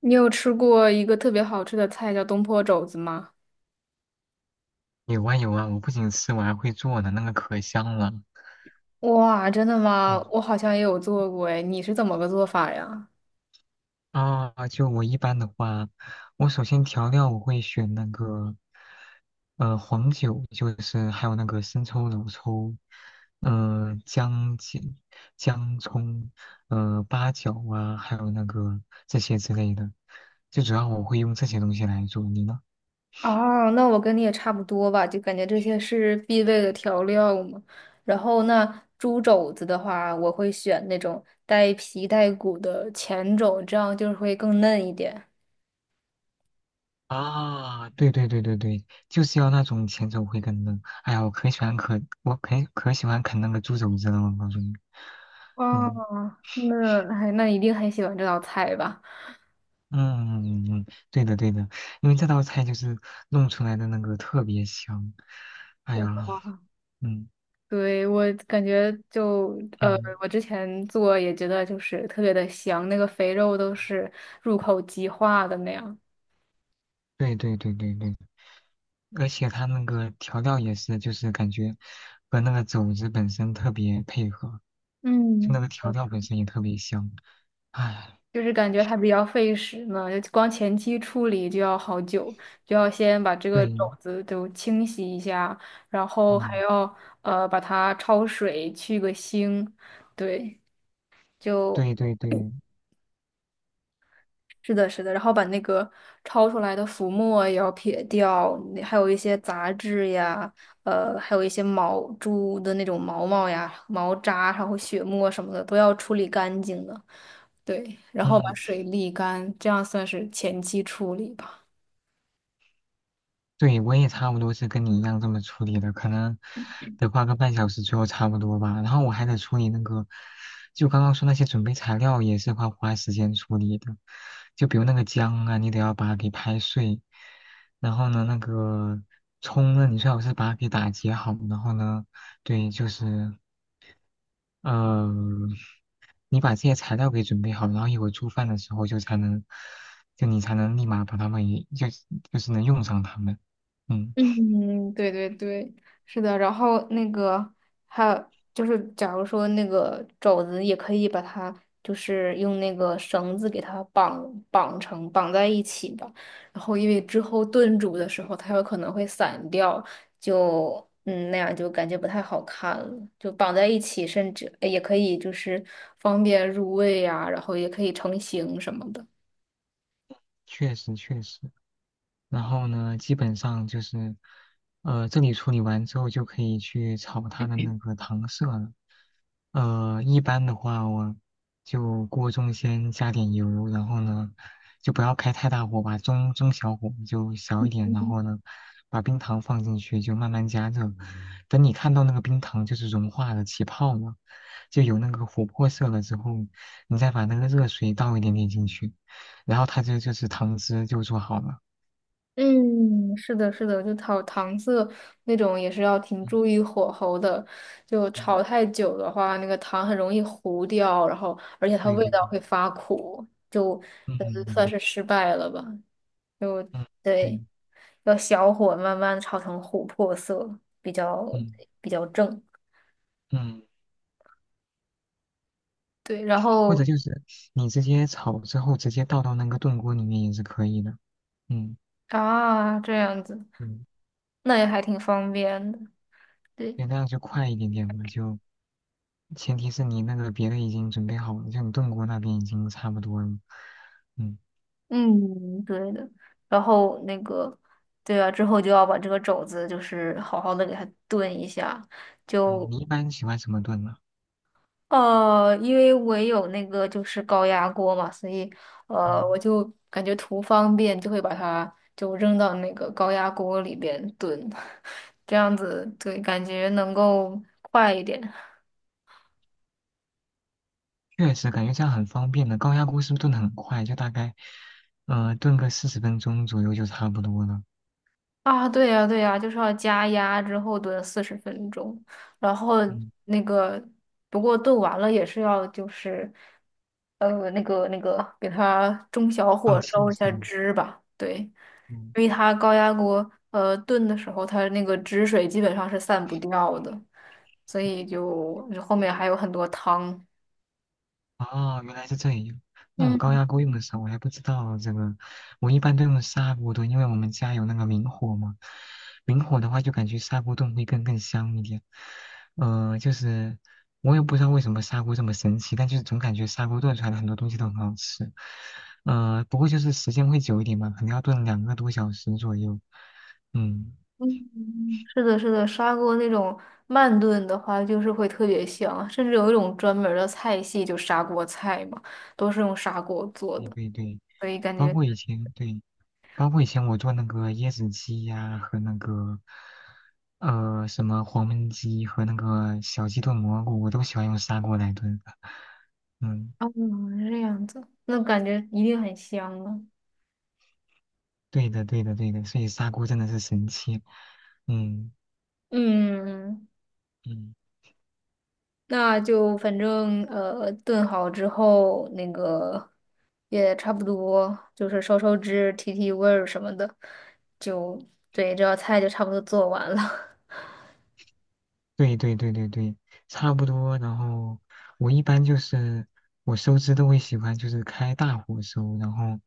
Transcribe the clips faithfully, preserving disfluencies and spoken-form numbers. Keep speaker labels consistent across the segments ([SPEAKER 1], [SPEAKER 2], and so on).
[SPEAKER 1] 你有吃过一个特别好吃的菜叫东坡肘子吗？
[SPEAKER 2] 有啊有啊，我不仅吃，我还会做呢，那个可香了。
[SPEAKER 1] 哇，真的吗？
[SPEAKER 2] 嗯
[SPEAKER 1] 我好像也有做过哎，你是怎么个做法呀？
[SPEAKER 2] 啊，就我一般的话，我首先调料我会选那个，呃，黄酒，就是还有那个生抽、老抽，呃，姜、姜、姜葱，呃，八角啊，还有那个这些之类的，最主要我会用这些东西来做。你呢？
[SPEAKER 1] 哦，那我跟你也差不多吧，就感觉这些是必备的调料嘛。然后那猪肘子的话，我会选那种带皮带骨的前肘，这样就是会更嫩一点。
[SPEAKER 2] 啊，对对对对对，就是要那种前手回根的。哎呀，我可喜欢可我可可喜欢啃那个猪肘子了，我告诉你。嗯
[SPEAKER 1] 哦，那哎，那一定很喜欢这道菜吧？
[SPEAKER 2] 嗯，嗯嗯嗯对的对的，因为这道菜就是弄出来的那个特别香。哎呀，嗯
[SPEAKER 1] 对，我感觉就呃，
[SPEAKER 2] 嗯，
[SPEAKER 1] 我之前做也觉得就是特别的香，那个肥肉都是入口即化的那样。
[SPEAKER 2] 对对对对对，而且它那个调料也是，就是感觉和那个肘子本身特别配合，就
[SPEAKER 1] 嗯，
[SPEAKER 2] 那个调料本身也特别香。哎，
[SPEAKER 1] 就是感觉它比较费时呢，就光前期处理就要好久，就要先把这个
[SPEAKER 2] 对，
[SPEAKER 1] 种子都清洗一下，然后还
[SPEAKER 2] 嗯，
[SPEAKER 1] 要呃把它焯水去个腥。对，就
[SPEAKER 2] 对对对。
[SPEAKER 1] 是的，是的，然后把那个焯出来的浮沫也要撇掉，那还有一些杂质呀，呃，还有一些毛猪的那种毛毛呀、毛渣，然后血沫什么的都要处理干净的。对，然后把
[SPEAKER 2] 嗯，
[SPEAKER 1] 水沥干，这样算是前期处理吧。
[SPEAKER 2] 对，我也差不多是跟你一样这么处理的，可能得花个半小时左右差不多吧。然后我还得处理那个，就刚刚说那些准备材料也是花花时间处理的，就比如那个姜啊，你得要把它给拍碎，然后呢，那个葱呢，你最好是把它给打结好，然后呢，对，就是呃，你把这些材料给准备好，然后一会儿做饭的时候就才能，就你才能立马把它们也就就是能用上它们，嗯。
[SPEAKER 1] 嗯，对对对，是的。然后那个还有就是，假如说那个肘子也可以把它，就是用那个绳子给它绑绑成绑在一起吧。然后因为之后炖煮的时候，它有可能会散掉，就嗯那样就感觉不太好看了。就绑在一起，甚至呃也可以就是方便入味呀、然后也可以成型什么的。
[SPEAKER 2] 确实确实。然后呢，基本上就是，呃，这里处理完之后就可以去炒它的那个糖色了。呃，一般的话，我就锅中先加点油，然后呢，就不要开太大火吧，中中小火就小一点，然后呢，把冰糖放进去，就慢慢加热。等你看到那个冰糖就是融化了、起泡了，就有那个琥珀色了之后，你再把那个热水倒一点点进去，然后它这就是糖汁就做好了。
[SPEAKER 1] 嗯，是的，是的，就炒糖色那种也是要挺
[SPEAKER 2] 嗯
[SPEAKER 1] 注意火候的，就
[SPEAKER 2] 嗯，
[SPEAKER 1] 炒太久的话，那个糖很容易糊掉，然后而且它
[SPEAKER 2] 对
[SPEAKER 1] 味
[SPEAKER 2] 对
[SPEAKER 1] 道
[SPEAKER 2] 对，
[SPEAKER 1] 会发苦，就呃
[SPEAKER 2] 嗯嗯
[SPEAKER 1] 算
[SPEAKER 2] 嗯
[SPEAKER 1] 是失败了吧。就
[SPEAKER 2] 嗯，对，
[SPEAKER 1] 对，要小火慢慢炒成琥珀色，比较
[SPEAKER 2] 嗯
[SPEAKER 1] 比较正。
[SPEAKER 2] 嗯。
[SPEAKER 1] 对，然
[SPEAKER 2] 或者
[SPEAKER 1] 后
[SPEAKER 2] 就是你直接炒之后直接倒到那个炖锅里面也是可以的。嗯，
[SPEAKER 1] 啊，这样子，
[SPEAKER 2] 嗯
[SPEAKER 1] 那也还挺方便的。对。
[SPEAKER 2] 对，那样就快一点点嘛。就前提是你那个别的已经准备好了，就你炖锅那边已经差不多了。嗯
[SPEAKER 1] 嗯，对的。然后那个，对啊，之后就要把这个肘子就是好好的给它炖一下。
[SPEAKER 2] 嗯，
[SPEAKER 1] 就
[SPEAKER 2] 你一般喜欢什么炖呢？
[SPEAKER 1] 呃，因为我也有那个就是高压锅嘛，所以呃，我
[SPEAKER 2] 嗯，
[SPEAKER 1] 就感觉图方便，就会把它就扔到那个高压锅里边炖，这样子对，感觉能够快一点。
[SPEAKER 2] 确实感觉这样很方便的。高压锅是不是炖的很快？就大概呃炖个四十分钟左右就差不多了。
[SPEAKER 1] 啊，对呀，对呀，就是要加压之后炖四十分钟，然后
[SPEAKER 2] 嗯，
[SPEAKER 1] 那个，不过炖完了也是要就是，呃，那个那个，给它中小
[SPEAKER 2] 放
[SPEAKER 1] 火
[SPEAKER 2] 气
[SPEAKER 1] 烧一
[SPEAKER 2] 是
[SPEAKER 1] 下
[SPEAKER 2] 吗？
[SPEAKER 1] 汁吧，对，因
[SPEAKER 2] 嗯嗯
[SPEAKER 1] 为它高压锅呃炖的时候，它那个汁水基本上是散不掉的，所以就就后面还有很多汤。
[SPEAKER 2] 哦，原来是这样。那我高
[SPEAKER 1] 嗯。
[SPEAKER 2] 压锅用的时候，我还不知道这个，我一般都用砂锅炖，因为我们家有那个明火嘛。明火的话，就感觉砂锅炖会更更香一点。呃，就是我也不知道为什么砂锅这么神奇，但就是总感觉砂锅炖出来的很多东西都很好吃。呃，不过就是时间会久一点嘛，可能要炖两个多小时左右。嗯。
[SPEAKER 1] 嗯，是的，是的，砂锅那种慢炖的话，就是会特别香，甚至有一种专门儿的菜系，就砂锅菜嘛，都是用砂锅做
[SPEAKER 2] 对
[SPEAKER 1] 的，
[SPEAKER 2] 对对，
[SPEAKER 1] 所以感
[SPEAKER 2] 包
[SPEAKER 1] 觉，
[SPEAKER 2] 括以前对，包括以前我做那个椰子鸡呀、和那个呃什么黄焖鸡和那个小鸡炖蘑菇，我都喜欢用砂锅来炖的。嗯，
[SPEAKER 1] 嗯，这样子，那感觉一定很香啊。
[SPEAKER 2] 对的对的对的，所以砂锅真的是神器。嗯
[SPEAKER 1] 嗯，
[SPEAKER 2] 嗯。
[SPEAKER 1] 那就反正呃，炖好之后，那个也差不多，就是收收汁、提提味儿什么的，就对，这道菜就差不多做完了。
[SPEAKER 2] 对对对对对，差不多。然后我一般就是我收汁都会喜欢就是开大火收，然后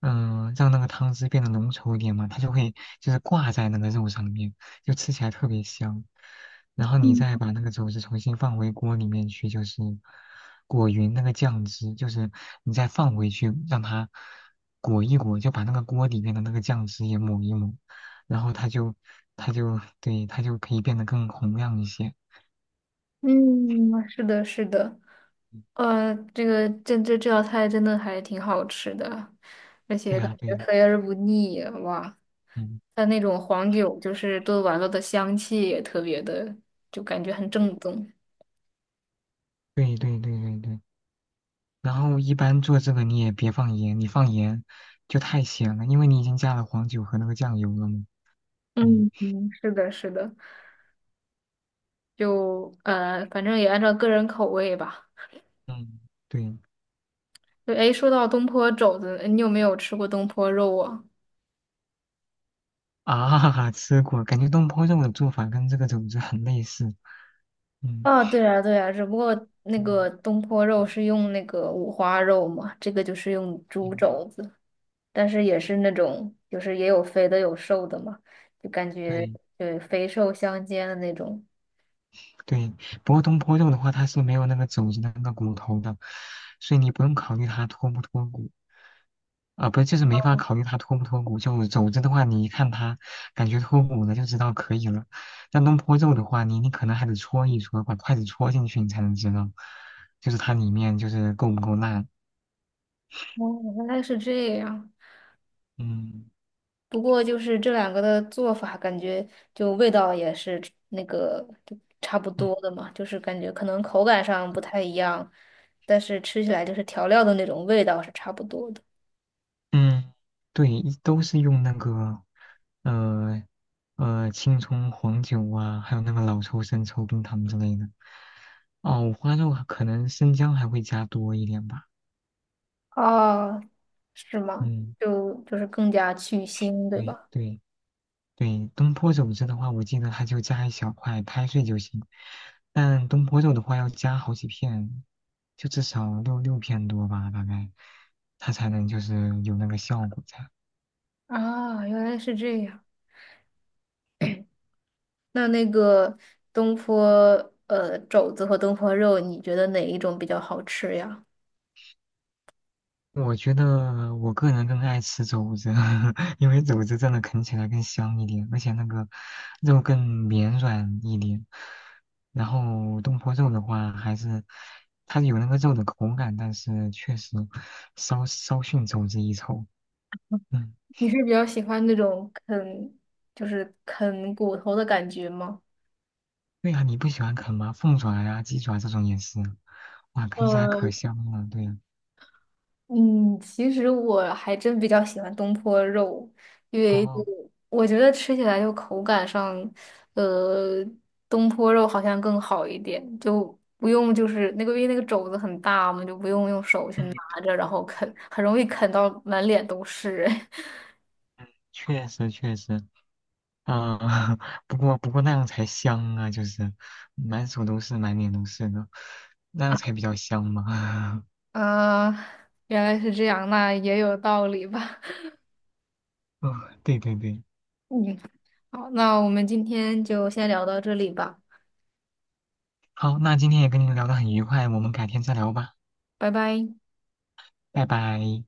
[SPEAKER 2] 嗯、呃让那个汤汁变得浓稠一点嘛，它就会就是挂在那个肉上面，就吃起来特别香。然后你
[SPEAKER 1] 嗯，
[SPEAKER 2] 再把那个肘子重新放回锅里面去，就是裹匀那个酱汁，就是你再放回去让它裹一裹，就把那个锅里面的那个酱汁也抹一抹。然后他就他就对他就可以变得更洪亮一些。
[SPEAKER 1] 嗯，是的，是的。
[SPEAKER 2] 嗯
[SPEAKER 1] 呃，这个这这这道菜真的还挺好吃的，而且
[SPEAKER 2] 对
[SPEAKER 1] 感
[SPEAKER 2] 呀，对
[SPEAKER 1] 觉
[SPEAKER 2] 呀，
[SPEAKER 1] 肥而不腻，哇！
[SPEAKER 2] 嗯，
[SPEAKER 1] 它那种黄酒就是炖完了的香气也特别的，就感觉很正宗。
[SPEAKER 2] 对对对对对。然后一般做这个你也别放盐，你放盐就太咸了，因为你已经加了黄酒和那个酱油了嘛。嗯
[SPEAKER 1] 嗯嗯，是的，是的，就呃，反正也按照个人口味吧。
[SPEAKER 2] 嗯，对
[SPEAKER 1] 对，哎，说到东坡肘子，你有没有吃过东坡肉啊？
[SPEAKER 2] 啊，吃过，感觉东坡肉的做法跟这个肘子很类似。嗯
[SPEAKER 1] 啊，对啊，对啊，只不过那
[SPEAKER 2] 嗯
[SPEAKER 1] 个东坡肉是用那个五花肉嘛，这个就是用猪
[SPEAKER 2] 嗯，
[SPEAKER 1] 肘子。但是也是那种，就是也有肥的有瘦的嘛，就感觉
[SPEAKER 2] 对
[SPEAKER 1] 对肥瘦相间的那种。
[SPEAKER 2] 对。不过东坡肉的话，它是没有那个肘子的那个骨头的，所以你不用考虑它脱不脱骨。啊，不是，就是没法考虑它脱不脱骨。就肘子的话，你一看它感觉脱骨了，就知道可以了。但东坡肉的话，你你可能还得戳一戳，把筷子戳进去，你才能知道，就是它里面就是够不够烂。
[SPEAKER 1] 哦，原来是这样。
[SPEAKER 2] 嗯
[SPEAKER 1] 不过就是这两个的做法，感觉就味道也是那个就差不
[SPEAKER 2] 嗯
[SPEAKER 1] 多的嘛，就是感觉可能口感上不太一样，但是吃起来就是调料的那种味道是差不多的。
[SPEAKER 2] 嗯，对，一都是用那个呃呃青葱黄酒啊，还有那个老抽、生抽、冰糖之类的。哦，五花肉可能生姜还会加多一点吧。
[SPEAKER 1] 哦，是吗？
[SPEAKER 2] 嗯，
[SPEAKER 1] 就就是更加去腥，对
[SPEAKER 2] 对
[SPEAKER 1] 吧？
[SPEAKER 2] 对。对，东坡肘子的话，我记得它就加一小块，拍碎就行。但东坡肉的话，要加好几片，就至少六六片多吧，大概，它才能就是有那个效果在。
[SPEAKER 1] 啊，原来是这样。那那个东坡呃肘子和东坡肉，你觉得哪一种比较好吃呀？
[SPEAKER 2] 我觉得我个人更爱吃肘子，因为肘子真的啃起来更香一点，而且那个肉更绵软一点。然后东坡肉的话，还是它有那个肉的口感，但是确实稍稍逊肘子一筹。嗯。
[SPEAKER 1] 你是比较喜欢那种啃，就是啃骨头的感觉吗？
[SPEAKER 2] 对呀、你不喜欢啃吗？凤爪呀、鸡爪这种也是，哇，啃起来可
[SPEAKER 1] 呃，
[SPEAKER 2] 香了。对呀、
[SPEAKER 1] 嗯，其实我还真比较喜欢东坡肉，因为就
[SPEAKER 2] 哦，
[SPEAKER 1] 我觉得吃起来就口感上，呃，东坡肉好像更好一点，就不用就是那个因为那个肘子很大嘛，就不用用手去
[SPEAKER 2] 嗯，
[SPEAKER 1] 拿着，然后啃，很容易啃到满脸都是。
[SPEAKER 2] 确实确实，嗯、不过不过那样才香啊，就是满手都是，满脸都是的，那样才比较香嘛。
[SPEAKER 1] 啊，原来是这样，那也有道理吧。
[SPEAKER 2] 嗯，对对对，
[SPEAKER 1] 好，那我们今天就先聊到这里吧，
[SPEAKER 2] 好，那今天也跟你们聊得很愉快，我们改天再聊吧，
[SPEAKER 1] 拜拜。
[SPEAKER 2] 拜拜。